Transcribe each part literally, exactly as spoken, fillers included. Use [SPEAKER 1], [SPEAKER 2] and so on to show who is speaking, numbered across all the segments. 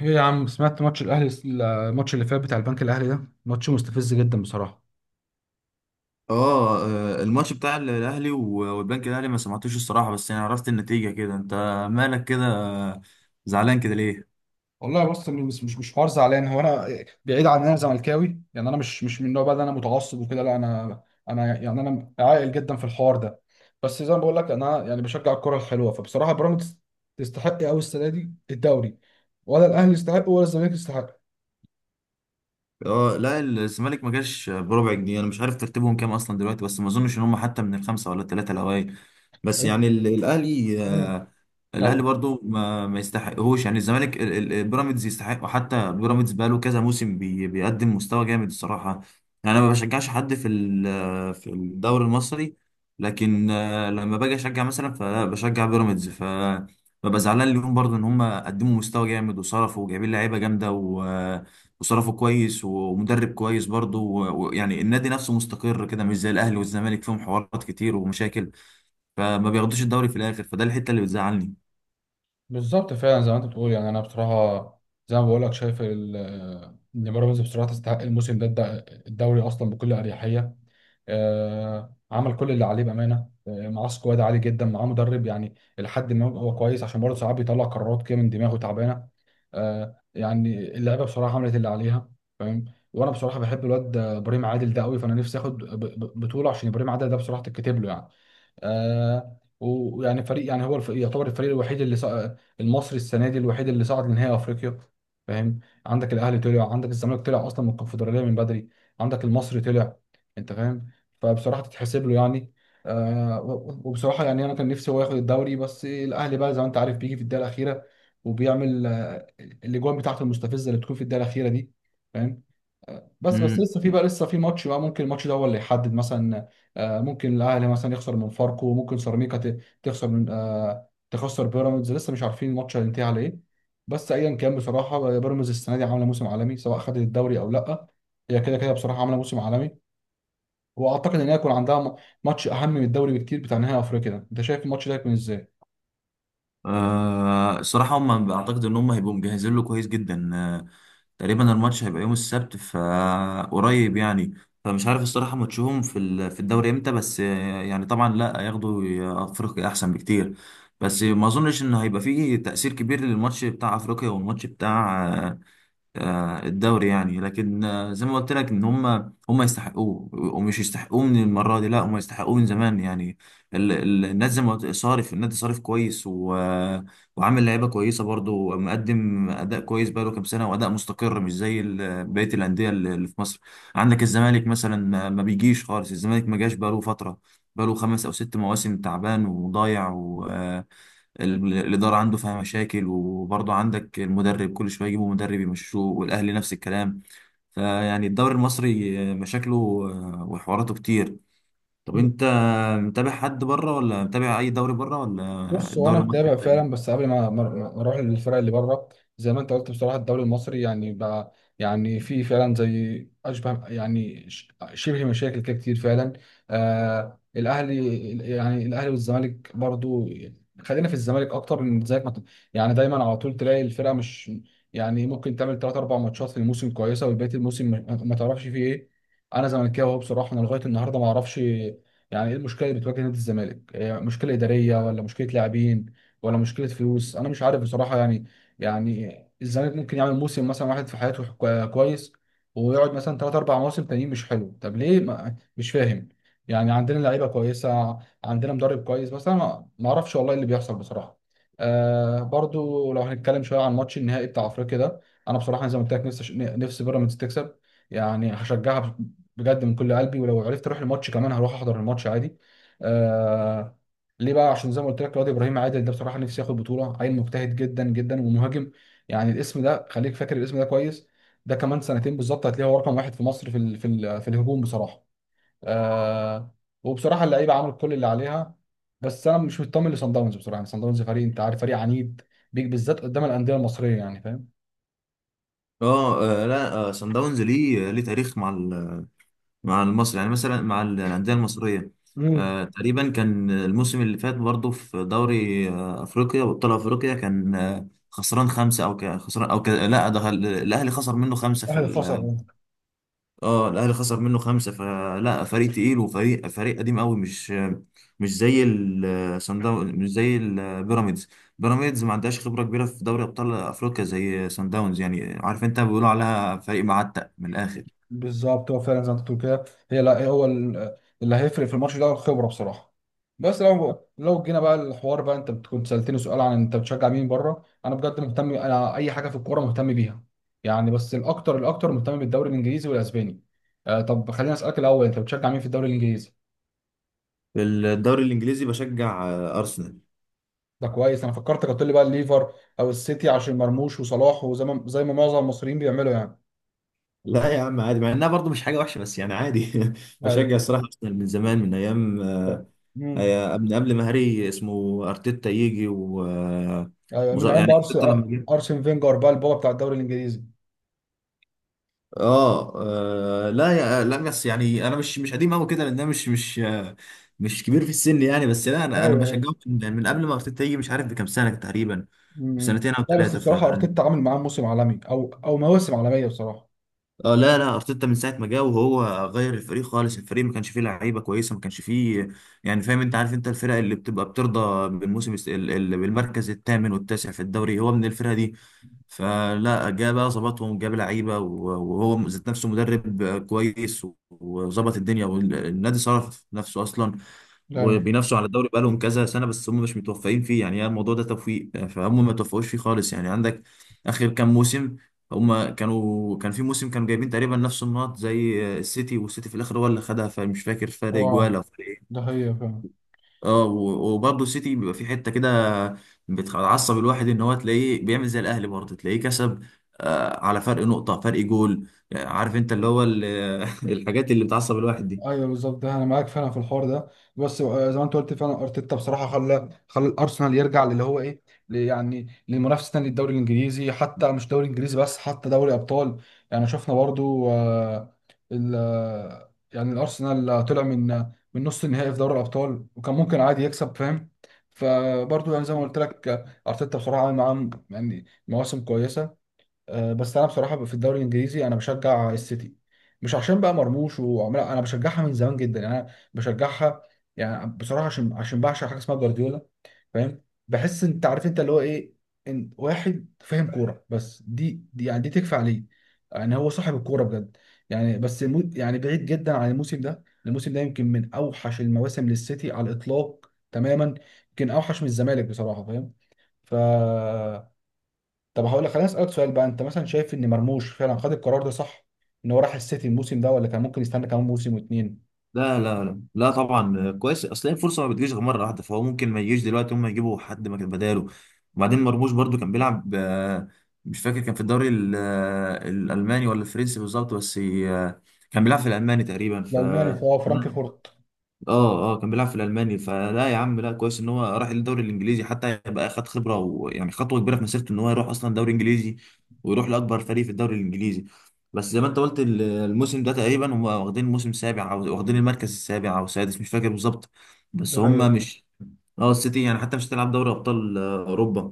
[SPEAKER 1] ايه يا عم، سمعت ماتش الاهلي؟ الماتش اللي فات بتاع البنك الاهلي ده ماتش مستفز جدا بصراحه.
[SPEAKER 2] اه آه، الماتش بتاع ال- الاهلي و- والبنك الاهلي ما سمعتوش الصراحه، بس يعني عرفت النتيجه كده. انت مالك كده زعلان كده ليه؟
[SPEAKER 1] والله بص، مش مش مش حوار زعلان. هو انا بعيد عن إن انا زملكاوي، يعني انا مش مش من النوع بقى اللي انا متعصب وكده. لا، انا انا يعني انا عاقل جدا في الحوار ده. بس زي ما بقول لك، انا يعني بشجع الكره الحلوه، فبصراحه بيراميدز تستحق قوي السنه دي الدوري، ولا الاهلي يستحق، ولا الزمالك يستحق.
[SPEAKER 2] اه لا، الزمالك ما جاش بربع جنيه. انا مش عارف ترتيبهم كام اصلا دلوقتي، بس ما اظنش ان هم حتى من الخمسه ولا الثلاثه الاوائل. بس يعني ال- الاهلي،
[SPEAKER 1] ايوه،
[SPEAKER 2] آه، الاهلي برضو ما, ما يستحقهوش. يعني الزمالك ال- ال- البيراميدز يستحق، وحتى بيراميدز بقاله كذا موسم بي بيقدم مستوى جامد الصراحه. يعني انا ما بشجعش حد في ال- في الدوري المصري، لكن آه، لما باجي اشجع مثلا فبشجع بيراميدز. ف ببقى زعلان اليوم برضو ان هم قدموا مستوى جامد وصرفوا وجايبين لعيبه جامده و- وصرفوا كويس ومدرب كويس برضو و- ويعني النادي نفسه مستقر كده، مش زي الاهلي والزمالك فيهم حوارات كتير ومشاكل، فما بياخدوش الدوري في الاخر. فده الحته اللي بتزعلني.
[SPEAKER 1] بالظبط، فعلا زي ما انت بتقول. يعني انا بصراحه زي ما بقول لك شايف ال- ان بيراميدز بصراحه تستحق الموسم ده الد- الدوري اصلا بكل اريحيه. آه، عمل كل اللي عليه بامانه. آه، معاه سكواد عالي جدا، معاه مدرب يعني لحد ما هو كويس، عشان برضه ساعات بيطلع قرارات كده من دماغه تعبانه. آه، يعني اللعيبه بصراحه عملت اللي عليها. فاهم. وانا بصراحه بحب الواد ابراهيم عادل ده قوي، فانا نفسي اخد ب- ب- بطوله عشان ابراهيم عادل ده بصراحه تتكتب له يعني. آه ويعني فريق، يعني هو الف- يعتبر الفريق الوحيد اللي صع... المصري السنه دي الوحيد اللي صعد لنهائي افريقيا. فاهم. عندك الاهلي طلع، عندك الزمالك طلع اصلا من الكونفدراليه من بدري، عندك المصري طلع. انت فاهم؟ فبصراحه تتحسب له يعني. آه و- وبصراحه يعني انا كان نفسي هو ياخد الدوري، بس الاهلي بقى زي ما انت عارف بيجي في الدقيقه الاخيره وبيعمل آه الاجوان بتاعته المستفزه اللي بتكون في الدقيقه الاخيره دي. فاهم. بس بس
[SPEAKER 2] امم
[SPEAKER 1] لسه في بقى، لسه في ماتش بقى ممكن الماتش ده هو اللي يحدد مثلا. آه، ممكن الاهلي مثلا يخسر من فاركو، ممكن سيراميكا ت- تخسر من آه، تخسر بيراميدز، لسه مش عارفين الماتش هينتهي على ايه. بس ايا كان بصراحه بيراميدز السنه دي عامله موسم عالمي، سواء خدت الدوري او لا. هي كده كده بصراحه عامله موسم عالمي. واعتقد ان هي يكون عندها م- ماتش اهم من الدوري بكتير بتاع نهائي افريقيا ده. انت شايف الماتش ده هيكون ازاي؟
[SPEAKER 2] آه الصراحه هم بعتقد ان هم هيبقوا مجهزين له كويس جدا. آه تقريبا الماتش هيبقى يوم السبت فقريب يعني. فمش عارف الصراحه ماتشهم في ال- في الدوري امتى، بس آه يعني طبعا لا، هياخدوا افريقيا احسن بكتير. بس ما اظنش ان هيبقى فيه تاثير كبير للماتش بتاع افريقيا والماتش بتاع آه، الدوري يعني. لكن آه، زي ما قلت لك ان هم هم يستحقوه، ومش يستحقوه من المره دي، لا هم يستحقوه من زمان يعني. ال- ال- النادي زي ما قلت صارف، النادي صارف كويس و... وعامل لعيبه كويسه برضو، مقدم اداء كويس بقاله كام سنه، واداء مستقر مش زي ال- بقيه الانديه اللي اللي في مصر. عندك الزمالك مثلا ما ما بيجيش خالص، الزمالك ما جاش بقاله فتره، بقاله خمس او ست مواسم تعبان وضايع. ال- الإدارة عنده فيها مشاكل، وبرضه عندك المدرب كل شوية يجيبوا مدرب يمشوه، والأهلي نفس الكلام. فيعني الدوري المصري مشاكله آه، وحواراته كتير. طب أنت متابع حد بره، ولا متابع أي دوري بره، ولا
[SPEAKER 1] بص، هو انا
[SPEAKER 2] الدوري المصري
[SPEAKER 1] متابع
[SPEAKER 2] كده؟
[SPEAKER 1] فعلا، بس قبل ما ما- ما اروح للفرق اللي بره، زي ما انت قلت بصراحه الدوري المصري يعني بقى، يعني في فعلا زي اشبه، يعني ش- شبه مشاكل كده كتير فعلا. آه الاهلي، يعني الاهلي والزمالك برضو. خلينا في الزمالك اكتر، من زيك، ما ت- يعني دايما على طول تلاقي الفرقه مش، يعني ممكن تعمل ثلاث اربع ماتشات في الموسم كويسه وبقيه الموسم ما ما تعرفش فيه ايه. انا زملكاوي أهو بصراحه، انا لغايه النهارده ما اعرفش يعني ايه المشكله اللي بتواجه نادي الزمالك. إيه؟ مشكله اداريه، ولا مشكله لاعبين، ولا مشكله فلوس؟ انا مش عارف بصراحه يعني. يعني الزمالك ممكن يعمل موسم مثلا واحد في حياته كو- كويس، ويقعد مثلا ثلاث اربع مواسم تانيين مش حلو. طب ليه؟ ما مش فاهم. يعني عندنا لعيبه كويسه، عندنا مدرب كويس، بس انا ما ما اعرفش والله اللي بيحصل بصراحه. آه برضو لو هنتكلم شويه عن ماتش النهائي بتاع افريقيا ده، انا بصراحه زي ما قلت لك نفسي نفسي بيراميدز تكسب. يعني هشجعها بجد من كل قلبي، ولو عرفت اروح الماتش كمان هروح احضر الماتش عادي. آه ليه بقى؟ عشان زي ما قلت لك، رياض ابراهيم عادل ده بصراحه نفسي ياخد بطوله. عيل مجتهد جدا جدا، ومهاجم. يعني الاسم ده خليك فاكر الاسم ده كويس. ده كمان سنتين بالظبط هتلاقيه هو رقم واحد في مصر، في ال في ال في الهجوم بصراحه. آه وبصراحه اللعيبه عملت كل اللي عليها. بس انا مش مطمن لصن داونز بصراحه. يعني صن داونز فريق، انت عارف، فريق عنيد بيك بالذات قدام الانديه المصريه يعني، فاهم.
[SPEAKER 2] اه آه، لا، سان داونز ليه ليه تاريخ مع مع المصري يعني، مثلا مع ال- الأندية المصرية.
[SPEAKER 1] امم.
[SPEAKER 2] آه تقريبا كان الموسم اللي فات برضه في دوري آه أفريقيا وأبطال أفريقيا كان آه خسران خمسة أو ك- خسران أو ك... لا، ده ال- الأهلي خسر منه خمسة في
[SPEAKER 1] الاهلي
[SPEAKER 2] ال...
[SPEAKER 1] خسر.
[SPEAKER 2] اه الأهلي خسر منه خمسة. فلا، فريق تقيل وفريق فريق قديم قوي، مش مش زي ال- صن داونز، مش زي البيراميدز. بيراميدز ما عندهاش خبرة كبيرة في دوري أبطال أفريقيا زي صن داونز، يعني عارف أنت بيقولوا عليها فريق معتق من الآخر.
[SPEAKER 1] بالظبط، هو فعلا زي ما انت بتقول كده. هي لا، هو ال- اللي هيفرق في الماتش ده هو الخبره بصراحه. بس لو لو جينا بقى الحوار بقى، انت كنت سالتني سؤال عن انت بتشجع مين بره. انا بجد مهتم، انا اي حاجه في الكوره مهتم بيها يعني، بس الاكتر الاكتر مهتم بالدوري الانجليزي والاسباني. آه طب خليني اسالك الاول، انت بتشجع مين في الدوري الانجليزي؟
[SPEAKER 2] في الدوري الإنجليزي بشجع آه، أرسنال.
[SPEAKER 1] ده كويس. انا فكرتك هتقول لي بقى الليفر او السيتي عشان مرموش وصلاح، وزي ما زي ما معظم المصريين بيعملوا يعني.
[SPEAKER 2] لا يا عم عادي، مع انها برضه مش حاجه وحشه، بس يعني عادي
[SPEAKER 1] ايوه.
[SPEAKER 2] بشجع الصراحه ارسنال من زمان، من ايام آه،
[SPEAKER 1] امم.
[SPEAKER 2] آه، من قبل ما هاري اسمه ارتيتا يجي و آه،
[SPEAKER 1] ايوه،
[SPEAKER 2] وز-
[SPEAKER 1] من ايام
[SPEAKER 2] يعني
[SPEAKER 1] بقى
[SPEAKER 2] ارتيتا
[SPEAKER 1] أرس-
[SPEAKER 2] لما جه،
[SPEAKER 1] ارسن فينجر بقى البابا بتاع الدوري الانجليزي.
[SPEAKER 2] اه آه، لا، يا لا بس يعني انا مش مش قديم قوي كده، لان انا مش مش آه، مش كبير في السن يعني. بس لا، انا انا بشجعه من من قبل ما ارتيتا يجي، مش عارف بكام سنه تقريبا،
[SPEAKER 1] مم.
[SPEAKER 2] بسنتين او
[SPEAKER 1] لا، بس
[SPEAKER 2] ثلاثه.
[SPEAKER 1] بصراحة أرتيتا عامل معاه موسم عالمي، أو أو مواسم عالمية بصراحة.
[SPEAKER 2] اه لا لا ارتيتا من ساعه ما جه وهو غير الفريق خالص. الفريق ما كانش فيه لعيبه كويسه، ما كانش فيه، يعني فاهم انت. عارف انت الفرق اللي بتبقى بترضى بالموسم الس- ال- ال- بالمركز الثامن والتاسع في الدوري، هو من الفرقه دي. فلا جه بقى ظبطهم، جاب لعيبه و- وهو ذات نفسه مدرب كويس و- وظبط الدنيا، والنادي صرف نفسه اصلا.
[SPEAKER 1] دايما.
[SPEAKER 2] وبينافسوا على الدوري بقالهم كذا سنه، بس هم مش متوفقين فيه يعني. هي الموضوع ده توفيق، فهم ما توفقوش فيه خالص يعني. عندك اخر كام موسم، هم كانوا كان في موسم كانوا جايبين تقريبا نفس النقط زي السيتي، والسيتي في الاخر هو اللي خدها، فمش فاكر فرق جوال
[SPEAKER 1] اه،
[SPEAKER 2] او فرق ايه.
[SPEAKER 1] ده هي فعلا.
[SPEAKER 2] اه و- وبرضه السيتي بيبقى في حته كده بتعصب الواحد، ان هو تلاقيه بيعمل زي الاهلي برضه تلاقيه كسب آه، على فرق نقطه فرق جول، يعني عارف انت اللي هو ال- الحاجات اللي بتعصب الواحد دي.
[SPEAKER 1] ايوه بالظبط، ده انا معاك فعلا في الحوار ده. بس، آه، زي ما انت قلت فعلا، ارتيتا بصراحه خلى خلى الارسنال يرجع للي هو ايه، ل- يعني لمنافسه تاني للدوري الانجليزي، حتى مش دوري انجليزي بس، حتى دوري ابطال. يعني شفنا برضو، آه، ال آه، يعني الارسنال طلع من من نص النهائي في دوري الابطال، وكان ممكن عادي يكسب. فاهم. فبرضو يعني زي ما قلت لك، آه، ارتيتا بصراحه عامل معاهم يعني مواسم كويسه. آه، بس انا بصراحه في الدوري الانجليزي انا بشجع السيتي. مش عشان بقى مرموش وعمال، انا بشجعها من زمان جدا يعني، انا بشجعها يعني بصراحه عشان عشان بعشق حاجه اسمها جوارديولا. فاهم. بحس انت عارف انت اللي هو ايه، ان واحد فاهم كوره بس، دي, دي يعني دي تكفي عليه. يعني هو صاحب الكوره بجد. يعني بس المو... يعني بعيد جدا عن الموسم ده، الموسم ده يمكن من اوحش المواسم للسيتي على الاطلاق تماما، يمكن اوحش من الزمالك بصراحه. فاهم. ف طب هقول لك، خليني اسالك سؤال بقى. انت مثلا شايف ان مرموش فعلا خد القرار ده صح؟ ان هو راح السيتي الموسم ده، ولا كان ممكن يستنى كمان موسم واتنين.
[SPEAKER 2] لا لا لا لا طبعا كويس، اصل هي الفرصه ما بتجيش غير مره واحده، فهو ممكن ما يجيش دلوقتي هم يجيبوا حد مكان بداله. وبعدين مرموش برضو كان بيلعب، آه، مش فاكر كان في الدوري ال- آه، الالماني ولا الفرنسي بالظبط، بس آه، كان بيلعب في الالماني تقريبا. ف
[SPEAKER 1] الالماني، فهو فرانكفورت.
[SPEAKER 2] اه اه كان بيلعب في الالماني. فلا يا عم لا، كويس ان هو راح الدوري الانجليزي حتى يبقى خد خبره، ويعني خطوه كبيره في مسيرته ان هو يروح اصلا دوري انجليزي، ويروح لاكبر فريق في الدوري الانجليزي. بس زي ما انت قلت ال- الموسم ده تقريبا هم واخدين موسم سابع، او واخدين المركز السابع او السادس مش فاكر بالظبط. بس
[SPEAKER 1] ده حقيقة.
[SPEAKER 2] هم مش، اه السيتي يعني حتى مش هتلعب دوري ابطال آه، اوروبا.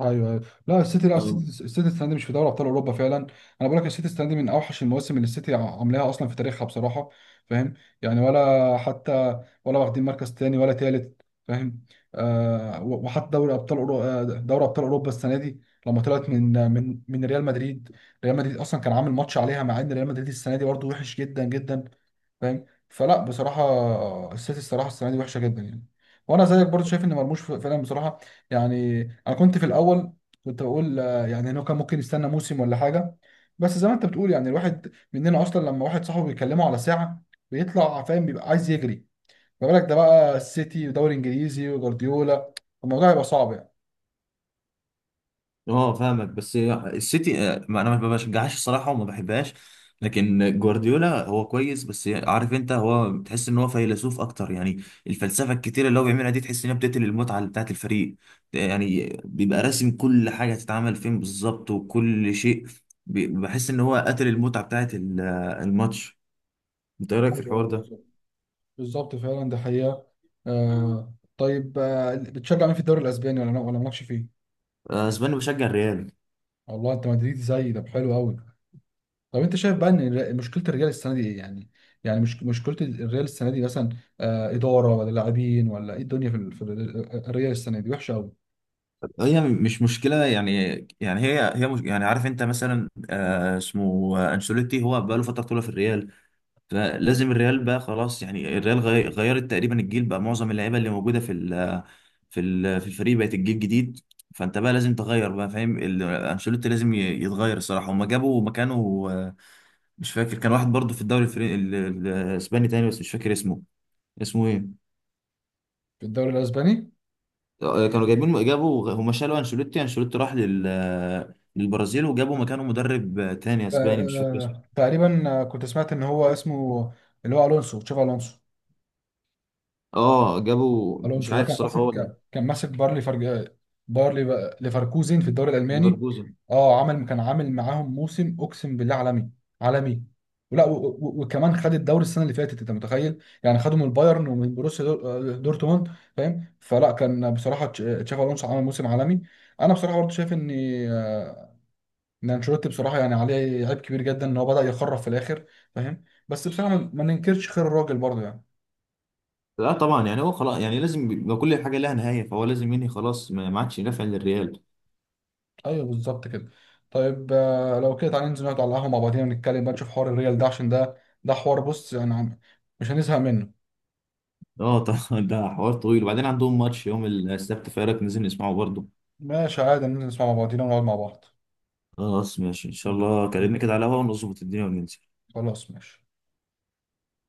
[SPEAKER 1] ايوه ايوه، لا السيتي لا السيتي
[SPEAKER 2] آه،
[SPEAKER 1] السيتي السنه دي مش في دوري ابطال اوروبا فعلا. انا بقول لك السيتي السنه دي من اوحش المواسم اللي السيتي عاملاها اصلا في تاريخها بصراحه. فاهم. يعني ولا حتى ولا واخدين مركز تاني ولا تالت. فاهم. آه و- وحتى دوري ابطال أورو... آه، دوري ابطال اوروبا السنه دي لما طلعت من من من ريال مدريد. ريال مدريد اصلا كان عامل ماتش عليها، مع ان ريال مدريد السنه دي برضه وحش جدا جدا. فاهم. فلا بصراحه السيتي، الصراحه السنه دي وحشه جدا يعني. وانا زيك برضو شايف ان مرموش فعلا بصراحه. يعني انا كنت في الاول كنت بقول آه، يعني انه كان ممكن يستنى موسم ولا حاجه، بس زي ما انت بتقول يعني الواحد مننا اصلا لما واحد صاحبه بيكلمه على ساعه بيطلع فاهم بيبقى عايز يجري. ما بالك ده بقى السيتي ودوري انجليزي وجوارديولا؟ الموضوع هيبقى صعب يعني.
[SPEAKER 2] اه فاهمك. بس السيتي آه، ما انا ما بشجعهاش الصراحه وما بحبهاش. لكن جوارديولا هو كويس، بس عارف انت هو تحس ان هو فيلسوف اكتر، يعني الفلسفه الكتيره اللي هو بيعملها دي تحس انها بتقتل المتعه بتاعت الفريق. يعني بيبقى راسم كل حاجه تتعمل فين بالظبط وكل شيء. بي- بحس ان هو قتل المتعه بتاعت ال- الماتش. انت ايه رايك في
[SPEAKER 1] ايوه
[SPEAKER 2] الحوار ده؟
[SPEAKER 1] بالظبط، بالظبط فعلا، ده حقيقه. آه طيب، آه بتشجع مين في الدوري الاسباني، ولا ولا مالكش فيه؟
[SPEAKER 2] آه، اسباني بشجع الريال.
[SPEAKER 1] والله انت مدريدي زي ده حلو قوي. طب انت شايف بقى ان الر- مشكله الريال السنه دي ايه يعني؟ يعني مش مشكله الريال السنه دي مثلا آه اداره، ولا لاعبين، ولا ايه؟ الدنيا في ال- في ال- آه، الريال السنه دي وحشه قوي
[SPEAKER 2] هي مش مشكلة يعني، يعني هي هي مش، يعني عارف انت مثلا آه اسمه آه، انشيلوتي هو بقى له فترة طويلة في الريال، فلازم الريال بقى خلاص يعني. الريال غي- غيرت تقريبا الجيل بقى، معظم اللعيبة اللي موجودة في ال في ال في الفريق بقت الجيل جديد. فانت بقى لازم تغير بقى، فاهم؟ ال- انشيلوتي لازم ي- يتغير الصراحة. هما جابوا مكانه آه، مش فاكر، كان واحد برضه في الدوري الفري- ال- ال- الاسباني تاني، بس مش فاكر اسمه. اسمه ايه؟
[SPEAKER 1] في الدوري الاسباني.
[SPEAKER 2] كانوا جايبين، جابوا، هم شالوا انشيلوتي، انشيلوتي راح لل للبرازيل، وجابوا مكانه مدرب تاني
[SPEAKER 1] آه
[SPEAKER 2] اسباني مش فاكر اسمه.
[SPEAKER 1] آه، تقريبا آه، كنت سمعت ان هو اسمه اللي هو الونسو، تشافي الونسو.
[SPEAKER 2] اه جابوا، مش
[SPEAKER 1] الونسو ده
[SPEAKER 2] عارف
[SPEAKER 1] كان
[SPEAKER 2] الصراحه هو ولا،
[SPEAKER 1] ماسك كان ماسك باير ليفر، باير ليف- ليفركوزن في الدوري الالماني.
[SPEAKER 2] ليفركوزن.
[SPEAKER 1] اه، عمل كان عامل معاهم موسم اقسم بالله عالمي. عالمي. ولا و- و- وكمان خد الدوري السنه اللي فاتت، انت متخيل؟ يعني خده من البايرن ومن بروسيا دور- آه، دورتموند. فاهم. فلا كان بصراحه تش- تشافي الونسو عمل موسم عالمي. انا بصراحه برضه شايف ان آه، ان انشيلوتي بصراحه يعني عليه عيب كبير جدا ان هو بدا يخرف في الاخر. فاهم. بس بصراحه ما ما ننكرش خير الراجل برضه يعني.
[SPEAKER 2] لا طبعا، يعني هو خلاص يعني لازم يبقى كل حاجه لها نهايه، فهو لازم ينهي خلاص، ما ما عادش يدافع للريال.
[SPEAKER 1] ايوه بالظبط كده. طيب، آه، لو كده تعالى ننزل نقعد على القهوه مع بعضينا، نتكلم بقى، نشوف حوار الريال ده، عشان ده ده حوار. بص يعني عم- مش هنزهق منه.
[SPEAKER 2] اه طبعا ده حوار طويل، وبعدين عندهم ماتش يوم السبت فايرك ننزل نسمعه برضه.
[SPEAKER 1] ماشي، عادي ننزل نسمع مع بعضينا ونقعد مع بعض.
[SPEAKER 2] خلاص ماشي ان شاء الله، كلمني كده على الهوا ونظبط الدنيا وننزل.
[SPEAKER 1] خلاص ماشي.